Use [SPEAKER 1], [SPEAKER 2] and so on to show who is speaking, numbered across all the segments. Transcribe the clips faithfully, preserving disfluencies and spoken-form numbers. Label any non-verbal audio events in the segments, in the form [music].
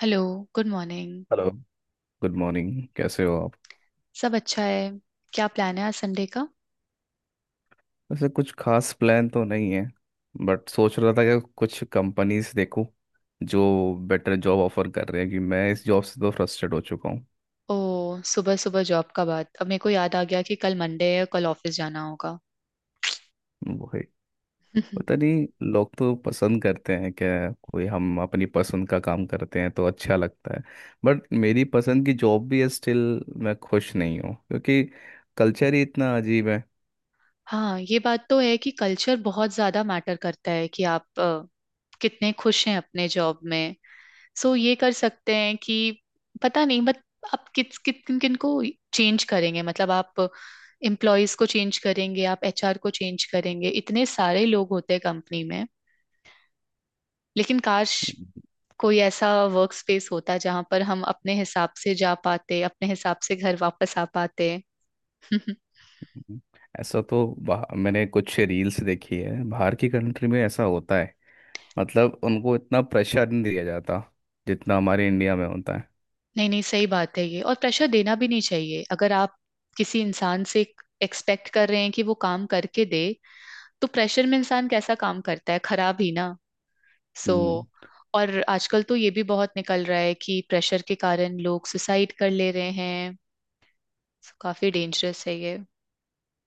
[SPEAKER 1] Hello. Good morning.
[SPEAKER 2] Hello. Good morning. कैसे हो आप?
[SPEAKER 1] सब अच्छा है। क्या प्लान है आज संडे का?
[SPEAKER 2] वैसे कुछ खास प्लान तो नहीं है, बट सोच रहा था कि कुछ कंपनीज देखूं जो बेटर जॉब ऑफर कर रहे हैं। कि मैं इस जॉब से तो फ्रस्ट्रेट हो चुका हूँ।
[SPEAKER 1] ओ, सुबह सुबह जॉब का बात अब मेरे को याद आ गया कि कल मंडे है, कल ऑफिस जाना होगा।
[SPEAKER 2] वही। पता
[SPEAKER 1] [laughs]
[SPEAKER 2] नहीं, लोग तो पसंद करते हैं क्या? कोई हम अपनी पसंद का काम करते हैं तो अच्छा लगता है, बट मेरी पसंद की जॉब भी है, स्टिल मैं खुश नहीं हूँ क्योंकि कल्चर ही इतना अजीब है।
[SPEAKER 1] हाँ, ये बात तो है कि कल्चर बहुत ज्यादा मैटर करता है कि आप अ, कितने खुश हैं अपने जॉब में। सो ये कर सकते हैं कि पता नहीं, बट आप किस किस किन किन को चेंज करेंगे? मतलब आप एम्प्लॉयज को चेंज करेंगे, आप एचआर को चेंज करेंगे, इतने सारे लोग होते हैं कंपनी में। लेकिन काश कोई ऐसा वर्क स्पेस होता जहां पर हम अपने हिसाब से जा पाते, अपने हिसाब से घर वापस आ पाते। [laughs]
[SPEAKER 2] हम्म। ऐसा तो बाह- मैंने कुछ रील्स देखी है, बाहर की कंट्री में ऐसा होता है। मतलब उनको इतना प्रेशर नहीं दिया जाता जितना हमारे इंडिया में होता है।
[SPEAKER 1] नहीं नहीं, सही बात है ये, और प्रेशर देना भी नहीं चाहिए। अगर आप किसी इंसान से एक्सपेक्ट कर रहे हैं कि वो काम करके दे, तो प्रेशर में इंसान कैसा काम करता है, खराब ही ना। सो,
[SPEAKER 2] हम्म।
[SPEAKER 1] और आजकल तो ये भी बहुत निकल रहा है कि प्रेशर के कारण लोग सुसाइड कर ले रहे हैं। So, काफी डेंजरस है ये।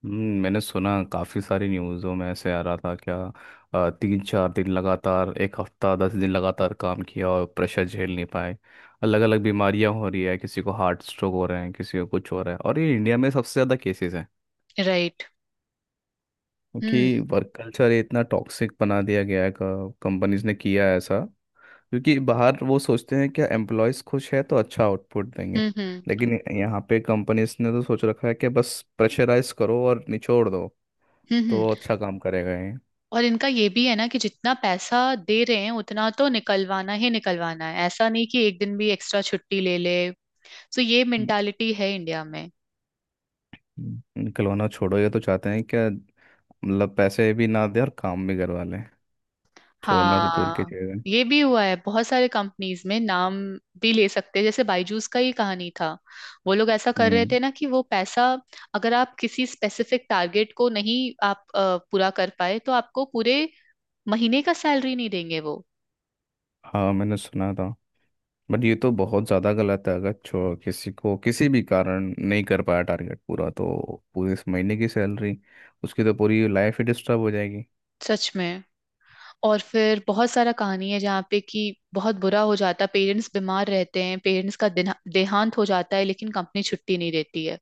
[SPEAKER 2] हम्म, मैंने सुना काफ़ी सारी न्यूज़ों में ऐसे आ रहा था क्या। अ, तीन चार दिन लगातार एक हफ्ता दस दिन लगातार काम किया और प्रेशर झेल नहीं पाए। अलग अलग बीमारियां हो रही है, किसी को हार्ट स्ट्रोक हो रहे हैं, किसी को कुछ हो रहा है, और ये इंडिया में सबसे ज़्यादा केसेस हैं।
[SPEAKER 1] राइट। हम्म।
[SPEAKER 2] क्योंकि वर्क कल्चर इतना टॉक्सिक बना दिया गया है, कंपनीज ने किया है ऐसा। क्योंकि बाहर वो सोचते हैं क्या एम्प्लॉयज खुश है तो अच्छा आउटपुट देंगे।
[SPEAKER 1] हम्म। हम्म।
[SPEAKER 2] लेकिन यहाँ पे कंपनीज ने तो सोच रखा है कि बस प्रेशराइज करो और निचोड़ दो,
[SPEAKER 1] हम्म।
[SPEAKER 2] तो
[SPEAKER 1] हम्म।
[SPEAKER 2] अच्छा काम करेगा ये।
[SPEAKER 1] और इनका ये भी है ना कि जितना पैसा दे रहे हैं उतना तो निकलवाना ही निकलवाना है, ऐसा नहीं कि एक दिन भी एक्स्ट्रा छुट्टी ले ले। तो ये मेंटालिटी है इंडिया में।
[SPEAKER 2] हम्म, खिलौना छोड़ो, ये तो चाहते हैं क्या, मतलब पैसे भी ना दे और काम भी करवा लें। छोड़ना तो दूर की
[SPEAKER 1] हाँ,
[SPEAKER 2] चीज़ है।
[SPEAKER 1] ये भी हुआ है बहुत सारे कंपनीज में, नाम भी ले सकते हैं, जैसे बायजूस का ही कहानी था। वो लोग ऐसा कर रहे
[SPEAKER 2] हम्म।
[SPEAKER 1] थे ना कि वो पैसा अगर आप किसी स्पेसिफिक टारगेट को नहीं, आप अ, पूरा कर पाए तो आपको पूरे महीने का सैलरी नहीं देंगे वो।
[SPEAKER 2] हाँ, मैंने सुना था। बट ये तो बहुत ज़्यादा गलत है। अगर छो किसी को किसी भी कारण नहीं कर पाया टारगेट पूरा, तो पूरे इस महीने की सैलरी, उसकी तो पूरी लाइफ ही डिस्टर्ब हो जाएगी।
[SPEAKER 1] सच में। और फिर बहुत सारा कहानी है जहाँ पे कि बहुत बुरा हो जाता है, पेरेंट्स बीमार रहते हैं, पेरेंट्स का दिन- देहांत हो जाता है लेकिन कंपनी छुट्टी नहीं देती है।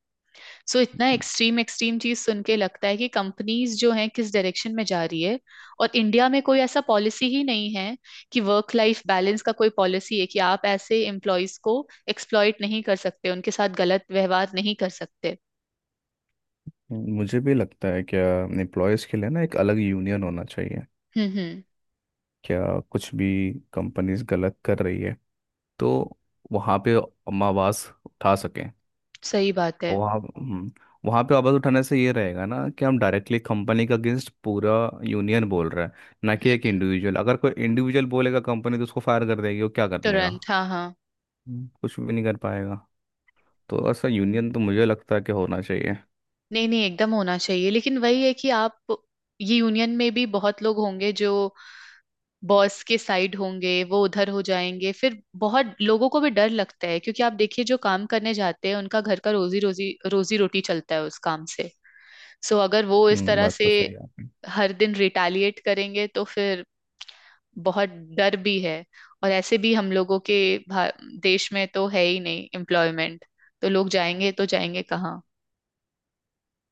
[SPEAKER 1] सो इतना एक्सट्रीम एक्सट्रीम चीज सुन के लगता है कि कंपनीज जो हैं किस डायरेक्शन में जा रही है। और इंडिया में कोई ऐसा पॉलिसी ही नहीं है कि वर्क लाइफ बैलेंस का कोई पॉलिसी है कि आप ऐसे एम्प्लॉयज को एक्सप्लॉइट नहीं कर सकते, उनके साथ गलत व्यवहार नहीं कर सकते।
[SPEAKER 2] मुझे भी लगता है क्या एम्प्लॉयज़ के लिए ना एक अलग यूनियन होना चाहिए।
[SPEAKER 1] हम्म। हम्म।
[SPEAKER 2] क्या कुछ भी कंपनीज गलत कर रही है, तो वहाँ पे हम आवाज़ उठा सकें।
[SPEAKER 1] सही बात है।
[SPEAKER 2] वहाँ, हम्म, वहाँ पे आवाज़ उठाने से ये रहेगा ना कि हम डायरेक्टली कंपनी के अगेंस्ट पूरा यूनियन बोल रहा है, ना कि एक इंडिविजुअल। अगर कोई इंडिविजुअल बोलेगा कंपनी तो उसको फायर कर देगी, वो क्या कर लेगा?
[SPEAKER 1] तुरंत, हाँ हाँ।
[SPEAKER 2] हम्म, कुछ भी नहीं कर पाएगा। तो ऐसा यूनियन तो मुझे लगता है कि होना चाहिए।
[SPEAKER 1] नहीं नहीं, एकदम होना चाहिए, लेकिन वही है कि आप ये यूनियन में भी बहुत लोग होंगे जो बॉस के साइड होंगे, वो उधर हो जाएंगे। फिर बहुत लोगों को भी डर लगता है क्योंकि आप देखिए जो काम करने जाते हैं उनका घर का रोजी रोजी रोजी रोटी चलता है उस काम से। सो अगर वो इस
[SPEAKER 2] हम्म,
[SPEAKER 1] तरह
[SPEAKER 2] बात
[SPEAKER 1] से
[SPEAKER 2] तो सही है आपकी।
[SPEAKER 1] हर दिन रिटालिएट करेंगे तो फिर बहुत डर भी है। और ऐसे भी हम लोगों के भा- देश में तो है ही नहीं एम्प्लॉयमेंट। तो लोग जाएंगे तो जाएंगे कहाँ?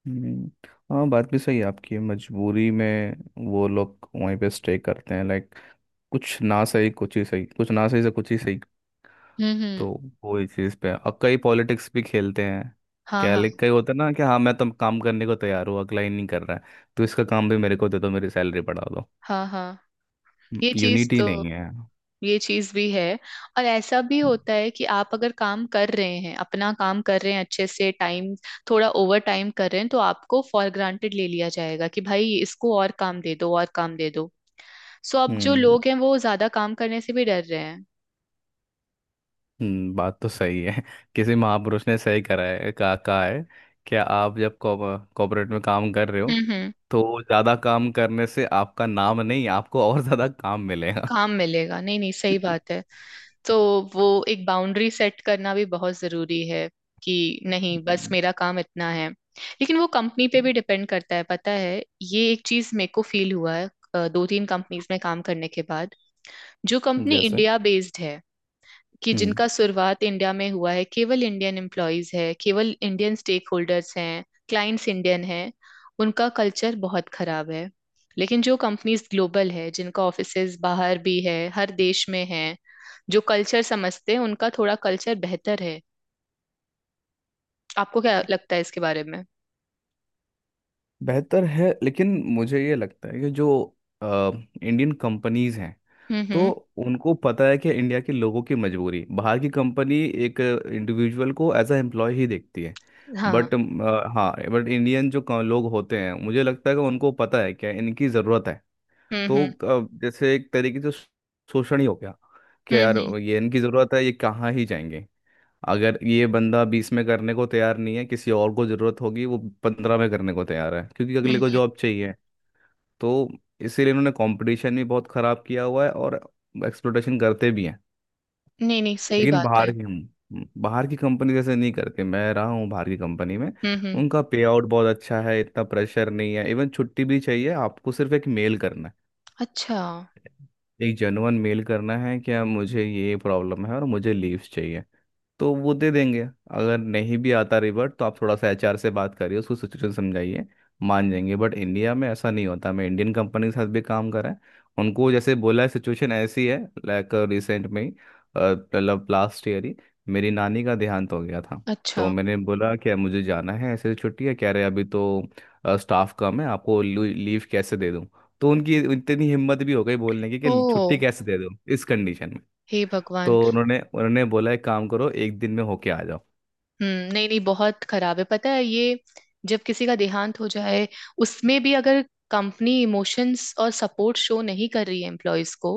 [SPEAKER 2] हम्म, हाँ बात भी सही है आपकी, मजबूरी में वो लोग वहीं पे स्टे करते हैं। लाइक कुछ ना सही कुछ ही सही, कुछ ना सही से कुछ ही सही।
[SPEAKER 1] हम्म। हम्म।
[SPEAKER 2] तो वो ही चीज़ पे और कई पॉलिटिक्स भी खेलते हैं।
[SPEAKER 1] हाँ
[SPEAKER 2] क्या
[SPEAKER 1] हाँ।
[SPEAKER 2] लिख कई होता है ना कि हाँ मैं तो काम करने को तैयार हूँ, अगला ही नहीं कर रहा है, तो इसका काम भी मेरे को दे दो, मेरी सैलरी बढ़ा दो।
[SPEAKER 1] हाँ हाँ। ये चीज
[SPEAKER 2] यूनिटी
[SPEAKER 1] तो
[SPEAKER 2] नहीं है।
[SPEAKER 1] ये चीज भी है। और ऐसा भी होता है कि आप अगर काम कर रहे हैं, अपना काम कर रहे हैं अच्छे से, टाइम थोड़ा ओवर टाइम कर रहे हैं, तो आपको फॉर ग्रांटेड ले लिया जाएगा कि भाई इसको और काम दे दो, और काम दे दो। सो अब जो
[SPEAKER 2] हम्म।
[SPEAKER 1] लोग हैं वो ज्यादा काम करने से भी डर रहे हैं।
[SPEAKER 2] हम्म, बात तो सही है। [laughs] किसी महापुरुष ने सही करा है कहा कहा है कि आप जब कॉर्पोरेट में काम कर रहे हो,
[SPEAKER 1] हम्म। हम्म।
[SPEAKER 2] तो ज्यादा काम करने से आपका नाम नहीं, आपको और ज्यादा काम मिलेगा। [laughs]
[SPEAKER 1] काम मिलेगा। नहीं नहीं, सही बात है। तो वो एक बाउंड्री सेट करना भी बहुत जरूरी है कि नहीं, बस
[SPEAKER 2] हम्म।
[SPEAKER 1] मेरा काम इतना है, लेकिन वो कंपनी पे भी डिपेंड करता है, पता है। ये एक चीज मेरे को फील हुआ है अ, दो तीन कंपनीज में काम करने के बाद। जो कंपनी
[SPEAKER 2] जैसे
[SPEAKER 1] इंडिया बेस्ड है, कि
[SPEAKER 2] हम्म
[SPEAKER 1] जिनका शुरुआत इंडिया में हुआ है, केवल इंडियन एम्प्लॉयज है, केवल इंडियन स्टेक होल्डर्स हैं, क्लाइंट्स इंडियन हैं, उनका कल्चर बहुत खराब है। लेकिन जो कंपनीज ग्लोबल है, जिनका ऑफिसेज बाहर भी है, हर देश में है, जो कल्चर समझते हैं, उनका थोड़ा कल्चर बेहतर है। आपको क्या लगता है इसके बारे में?
[SPEAKER 2] बेहतर है, लेकिन मुझे ये लगता है कि जो इंडियन कंपनीज हैं,
[SPEAKER 1] हम्म।
[SPEAKER 2] तो
[SPEAKER 1] हम्म।
[SPEAKER 2] उनको पता है कि इंडिया के लोगों की मजबूरी। बाहर की कंपनी एक इंडिविजुअल को एज अ एम्प्लॉय ही देखती है।
[SPEAKER 1] हाँ।
[SPEAKER 2] बट हाँ, बट इंडियन जो क- लोग होते हैं मुझे लगता है कि उनको पता है क्या इनकी ज़रूरत है।
[SPEAKER 1] हम्म।
[SPEAKER 2] तो
[SPEAKER 1] हम्म।
[SPEAKER 2] अ, जैसे एक तरीके से शोषण ही हो गया, कि
[SPEAKER 1] हम्म।
[SPEAKER 2] यार
[SPEAKER 1] हम्म।
[SPEAKER 2] ये इनकी ज़रूरत है, ये कहाँ ही जाएंगे। अगर ये बंदा बीस में करने को तैयार नहीं है, किसी और को ज़रूरत होगी, वो पंद्रह में करने को तैयार है क्योंकि
[SPEAKER 1] हम्म,
[SPEAKER 2] अगले को
[SPEAKER 1] हम्म।
[SPEAKER 2] जॉब चाहिए। तो इसीलिए इन्होंने कंपटीशन भी बहुत ख़राब किया हुआ है और एक्सप्लोटेशन करते भी हैं।
[SPEAKER 1] नहीं नहीं, सही
[SPEAKER 2] लेकिन
[SPEAKER 1] बात है।
[SPEAKER 2] बाहर की हम, बाहर की कंपनी जैसे नहीं करते। मैं रहा हूँ बाहर की कंपनी में,
[SPEAKER 1] हम्म। हम्म।
[SPEAKER 2] उनका पे आउट बहुत अच्छा है, इतना प्रेशर नहीं है। इवन छुट्टी भी चाहिए आपको, सिर्फ एक मेल करना है,
[SPEAKER 1] अच्छा।
[SPEAKER 2] एक जेन्युइन मेल करना है क्या मुझे ये प्रॉब्लम है और मुझे लीव्स चाहिए, तो वो दे देंगे। अगर नहीं भी आता रिवर्ट तो आप थोड़ा सा एचआर से बात करिए, उसको सिचुएशन समझाइए, मान जाएंगे। बट इंडिया में ऐसा नहीं होता। मैं इंडियन कंपनी के साथ भी काम करा है, उनको जैसे बोला है सिचुएशन ऐसी है। लाइक रिसेंट में ही, अ, मतलब लास्ट ईयर ही मेरी नानी का देहांत हो गया था।
[SPEAKER 1] अच्छा।
[SPEAKER 2] तो मैंने बोला क्या मुझे जाना है, ऐसे छुट्टी है, कह रहे अभी तो स्टाफ कम है, आपको लीव कैसे दे दूँ। तो उनकी इतनी हिम्मत भी हो गई बोलने की
[SPEAKER 1] ओ,
[SPEAKER 2] कि छुट्टी कैसे दे दूँ इस कंडीशन में।
[SPEAKER 1] हे भगवान।
[SPEAKER 2] तो उन्होंने उन्होंने बोला एक काम करो, एक दिन में होके आ जाओ।
[SPEAKER 1] हम्म, नहीं नहीं, बहुत खराब है, पता है ये। जब किसी का देहांत हो जाए, उसमें भी अगर कंपनी इमोशंस और सपोर्ट शो नहीं कर रही है एम्प्लॉयज को,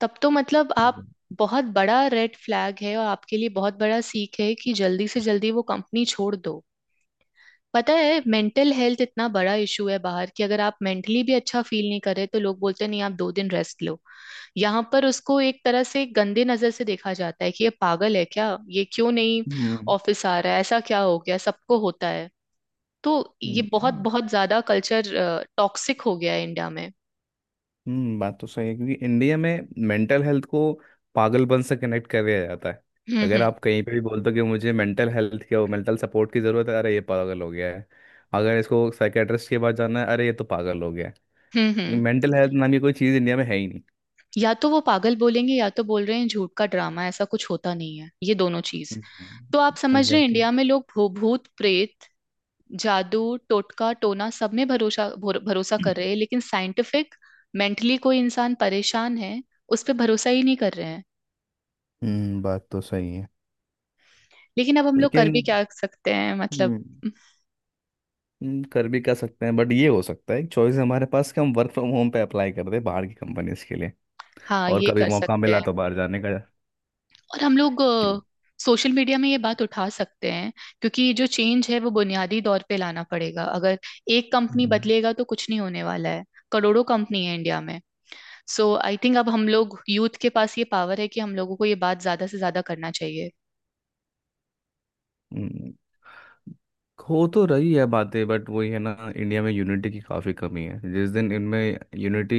[SPEAKER 1] तब तो मतलब आप, बहुत बड़ा रेड फ्लैग है और आपके लिए बहुत बड़ा सीख है कि जल्दी से जल्दी वो कंपनी छोड़ दो। पता है मेंटल हेल्थ इतना बड़ा इशू है बाहर, कि अगर आप मेंटली भी अच्छा फील नहीं कर रहे तो लोग बोलते हैं, नहीं आप दो दिन रेस्ट लो। यहाँ पर उसको एक तरह से गंदे नजर से देखा जाता है कि ये पागल है क्या, ये क्यों नहीं
[SPEAKER 2] हम्म।
[SPEAKER 1] ऑफिस आ रहा है, ऐसा क्या हो गया, सबको होता है। तो ये
[SPEAKER 2] हम्म।
[SPEAKER 1] बहुत
[SPEAKER 2] हाँ।
[SPEAKER 1] बहुत ज्यादा कल्चर टॉक्सिक हो गया है इंडिया में।
[SPEAKER 2] हम्म, बात तो सही है, क्योंकि इंडिया में मेंटल हेल्थ को पागलपन से कनेक्ट कर दिया जाता है।
[SPEAKER 1] हम्म।
[SPEAKER 2] अगर
[SPEAKER 1] हम्म।
[SPEAKER 2] आप कहीं पे भी बोलते हो कि मुझे मेंटल हेल्थ क्या मेंटल सपोर्ट की ज़रूरत है, अरे ये पागल हो गया है। अगर इसको साइकेट्रिस्ट के पास जाना है, अरे ये तो पागल हो गया
[SPEAKER 1] हम्म।
[SPEAKER 2] है।
[SPEAKER 1] हम्म।
[SPEAKER 2] मेंटल हेल्थ नाम की कोई चीज़ इंडिया में है ही नहीं।
[SPEAKER 1] या तो वो पागल बोलेंगे या तो बोल रहे हैं झूठ का ड्रामा, ऐसा कुछ होता नहीं है, ये दोनों चीज।
[SPEAKER 2] एग्जैक्टली।
[SPEAKER 1] तो आप
[SPEAKER 2] हम्म,
[SPEAKER 1] समझ रहे हैं
[SPEAKER 2] एग्जैक्टली।
[SPEAKER 1] इंडिया में लोग भू- भूत प्रेत, जादू टोटका टोना सब में भरोसा, भरो- भरोसा कर रहे हैं, लेकिन साइंटिफिक मेंटली कोई इंसान परेशान है, उस पे भरोसा ही नहीं कर रहे हैं।
[SPEAKER 2] हम्म, बात तो सही है।
[SPEAKER 1] लेकिन अब हम लोग कर
[SPEAKER 2] लेकिन,
[SPEAKER 1] भी क्या सकते हैं, मतलब।
[SPEAKER 2] हम्म। हम्म, कर भी कर सकते हैं बट ये हो सकता है एक चॉइस हमारे पास कि हम वर्क फ्रॉम होम पे अप्लाई कर दे बाहर की कंपनीज के लिए,
[SPEAKER 1] हाँ,
[SPEAKER 2] और
[SPEAKER 1] ये
[SPEAKER 2] कभी
[SPEAKER 1] कर
[SPEAKER 2] मौका
[SPEAKER 1] सकते
[SPEAKER 2] मिला
[SPEAKER 1] हैं।
[SPEAKER 2] तो बाहर जाने का।
[SPEAKER 1] और हम लोग
[SPEAKER 2] क्यों?
[SPEAKER 1] सोशल मीडिया में ये बात उठा सकते हैं, क्योंकि जो चेंज है वो बुनियादी तौर पे लाना पड़ेगा, अगर एक कंपनी
[SPEAKER 2] हम्म।
[SPEAKER 1] बदलेगा तो कुछ नहीं होने वाला है। करोड़ों कंपनी है इंडिया में। सो आई थिंक अब हम लोग यूथ के पास ये पावर है कि हम लोगों को ये बात ज्यादा से ज्यादा करना चाहिए।
[SPEAKER 2] हम्म, हो तो रही है बातें, बट वही है ना, इंडिया में यूनिटी की काफ़ी कमी है। जिस दिन इनमें यूनिटी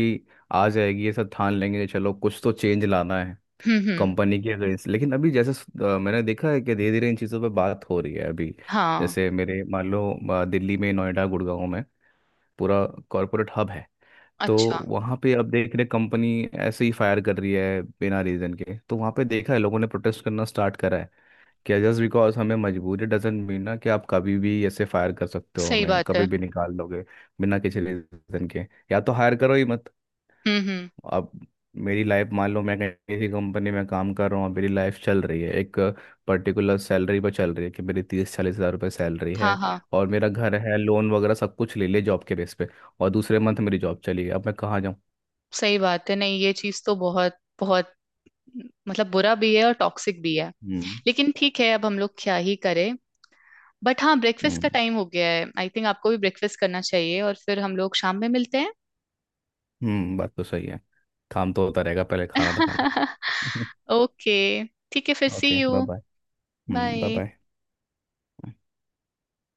[SPEAKER 2] आ जाएगी, ये सब ठान लेंगे कि चलो कुछ तो चेंज लाना है
[SPEAKER 1] हम्म। हम्म।
[SPEAKER 2] कंपनी के अगेंस्ट। लेकिन अभी जैसे स- अ, मैंने देखा है कि धीरे धीरे इन चीज़ों पे बात हो रही है अभी।
[SPEAKER 1] हाँ।
[SPEAKER 2] जैसे मेरे मान लो, अ, दिल्ली में, नोएडा, गुड़गांव में पूरा कॉरपोरेट हब है। तो
[SPEAKER 1] अच्छा।
[SPEAKER 2] वहाँ पे अब देख रहे कंपनी ऐसे ही फायर कर रही है बिना रीज़न के, तो वहाँ पे देखा है लोगों ने प्रोटेस्ट करना स्टार्ट करा है कि जस्ट बिकॉज हमें मजबूरी डजेंट मीन ना कि आप कभी भी ऐसे फायर कर सकते हो,
[SPEAKER 1] सही
[SPEAKER 2] हमें
[SPEAKER 1] बात है।
[SPEAKER 2] कभी भी निकाल लोगे बिना किसी रीज़न के। या तो हायर करो ही मत।
[SPEAKER 1] हम्म। हम्म।
[SPEAKER 2] अब मेरी लाइफ मान लो, मैं कहीं किसी कंपनी में काम कर रहा हूँ, मेरी लाइफ चल रही है एक पर्टिकुलर सैलरी पर चल रही है कि मेरी तीस चालीस हज़ार रुपये सैलरी
[SPEAKER 1] हाँ
[SPEAKER 2] है,
[SPEAKER 1] हाँ।
[SPEAKER 2] और मेरा घर है, लोन वगैरह सब कुछ ले ले जॉब के बेस पे, और दूसरे मंथ मेरी जॉब चली गई, अब मैं कहाँ जाऊँ।
[SPEAKER 1] सही बात है। नहीं, ये चीज तो बहुत बहुत मतलब बुरा भी है और टॉक्सिक भी है।
[SPEAKER 2] हम्म।
[SPEAKER 1] लेकिन ठीक है, अब हम लोग क्या ही करें। बट हाँ, ब्रेकफास्ट का
[SPEAKER 2] हम्म।
[SPEAKER 1] टाइम हो गया है, आई थिंक आपको भी ब्रेकफास्ट करना चाहिए, और फिर हम लोग शाम में मिलते हैं।
[SPEAKER 2] हम्म, बात तो सही है। काम तो होता रहेगा, पहले खाना तो खा
[SPEAKER 1] [laughs]
[SPEAKER 2] ले।
[SPEAKER 1] ओके, ठीक है, फिर
[SPEAKER 2] [laughs]
[SPEAKER 1] सी
[SPEAKER 2] okay, bye
[SPEAKER 1] you.
[SPEAKER 2] Bye. Hmm, bye
[SPEAKER 1] bye.
[SPEAKER 2] Bye.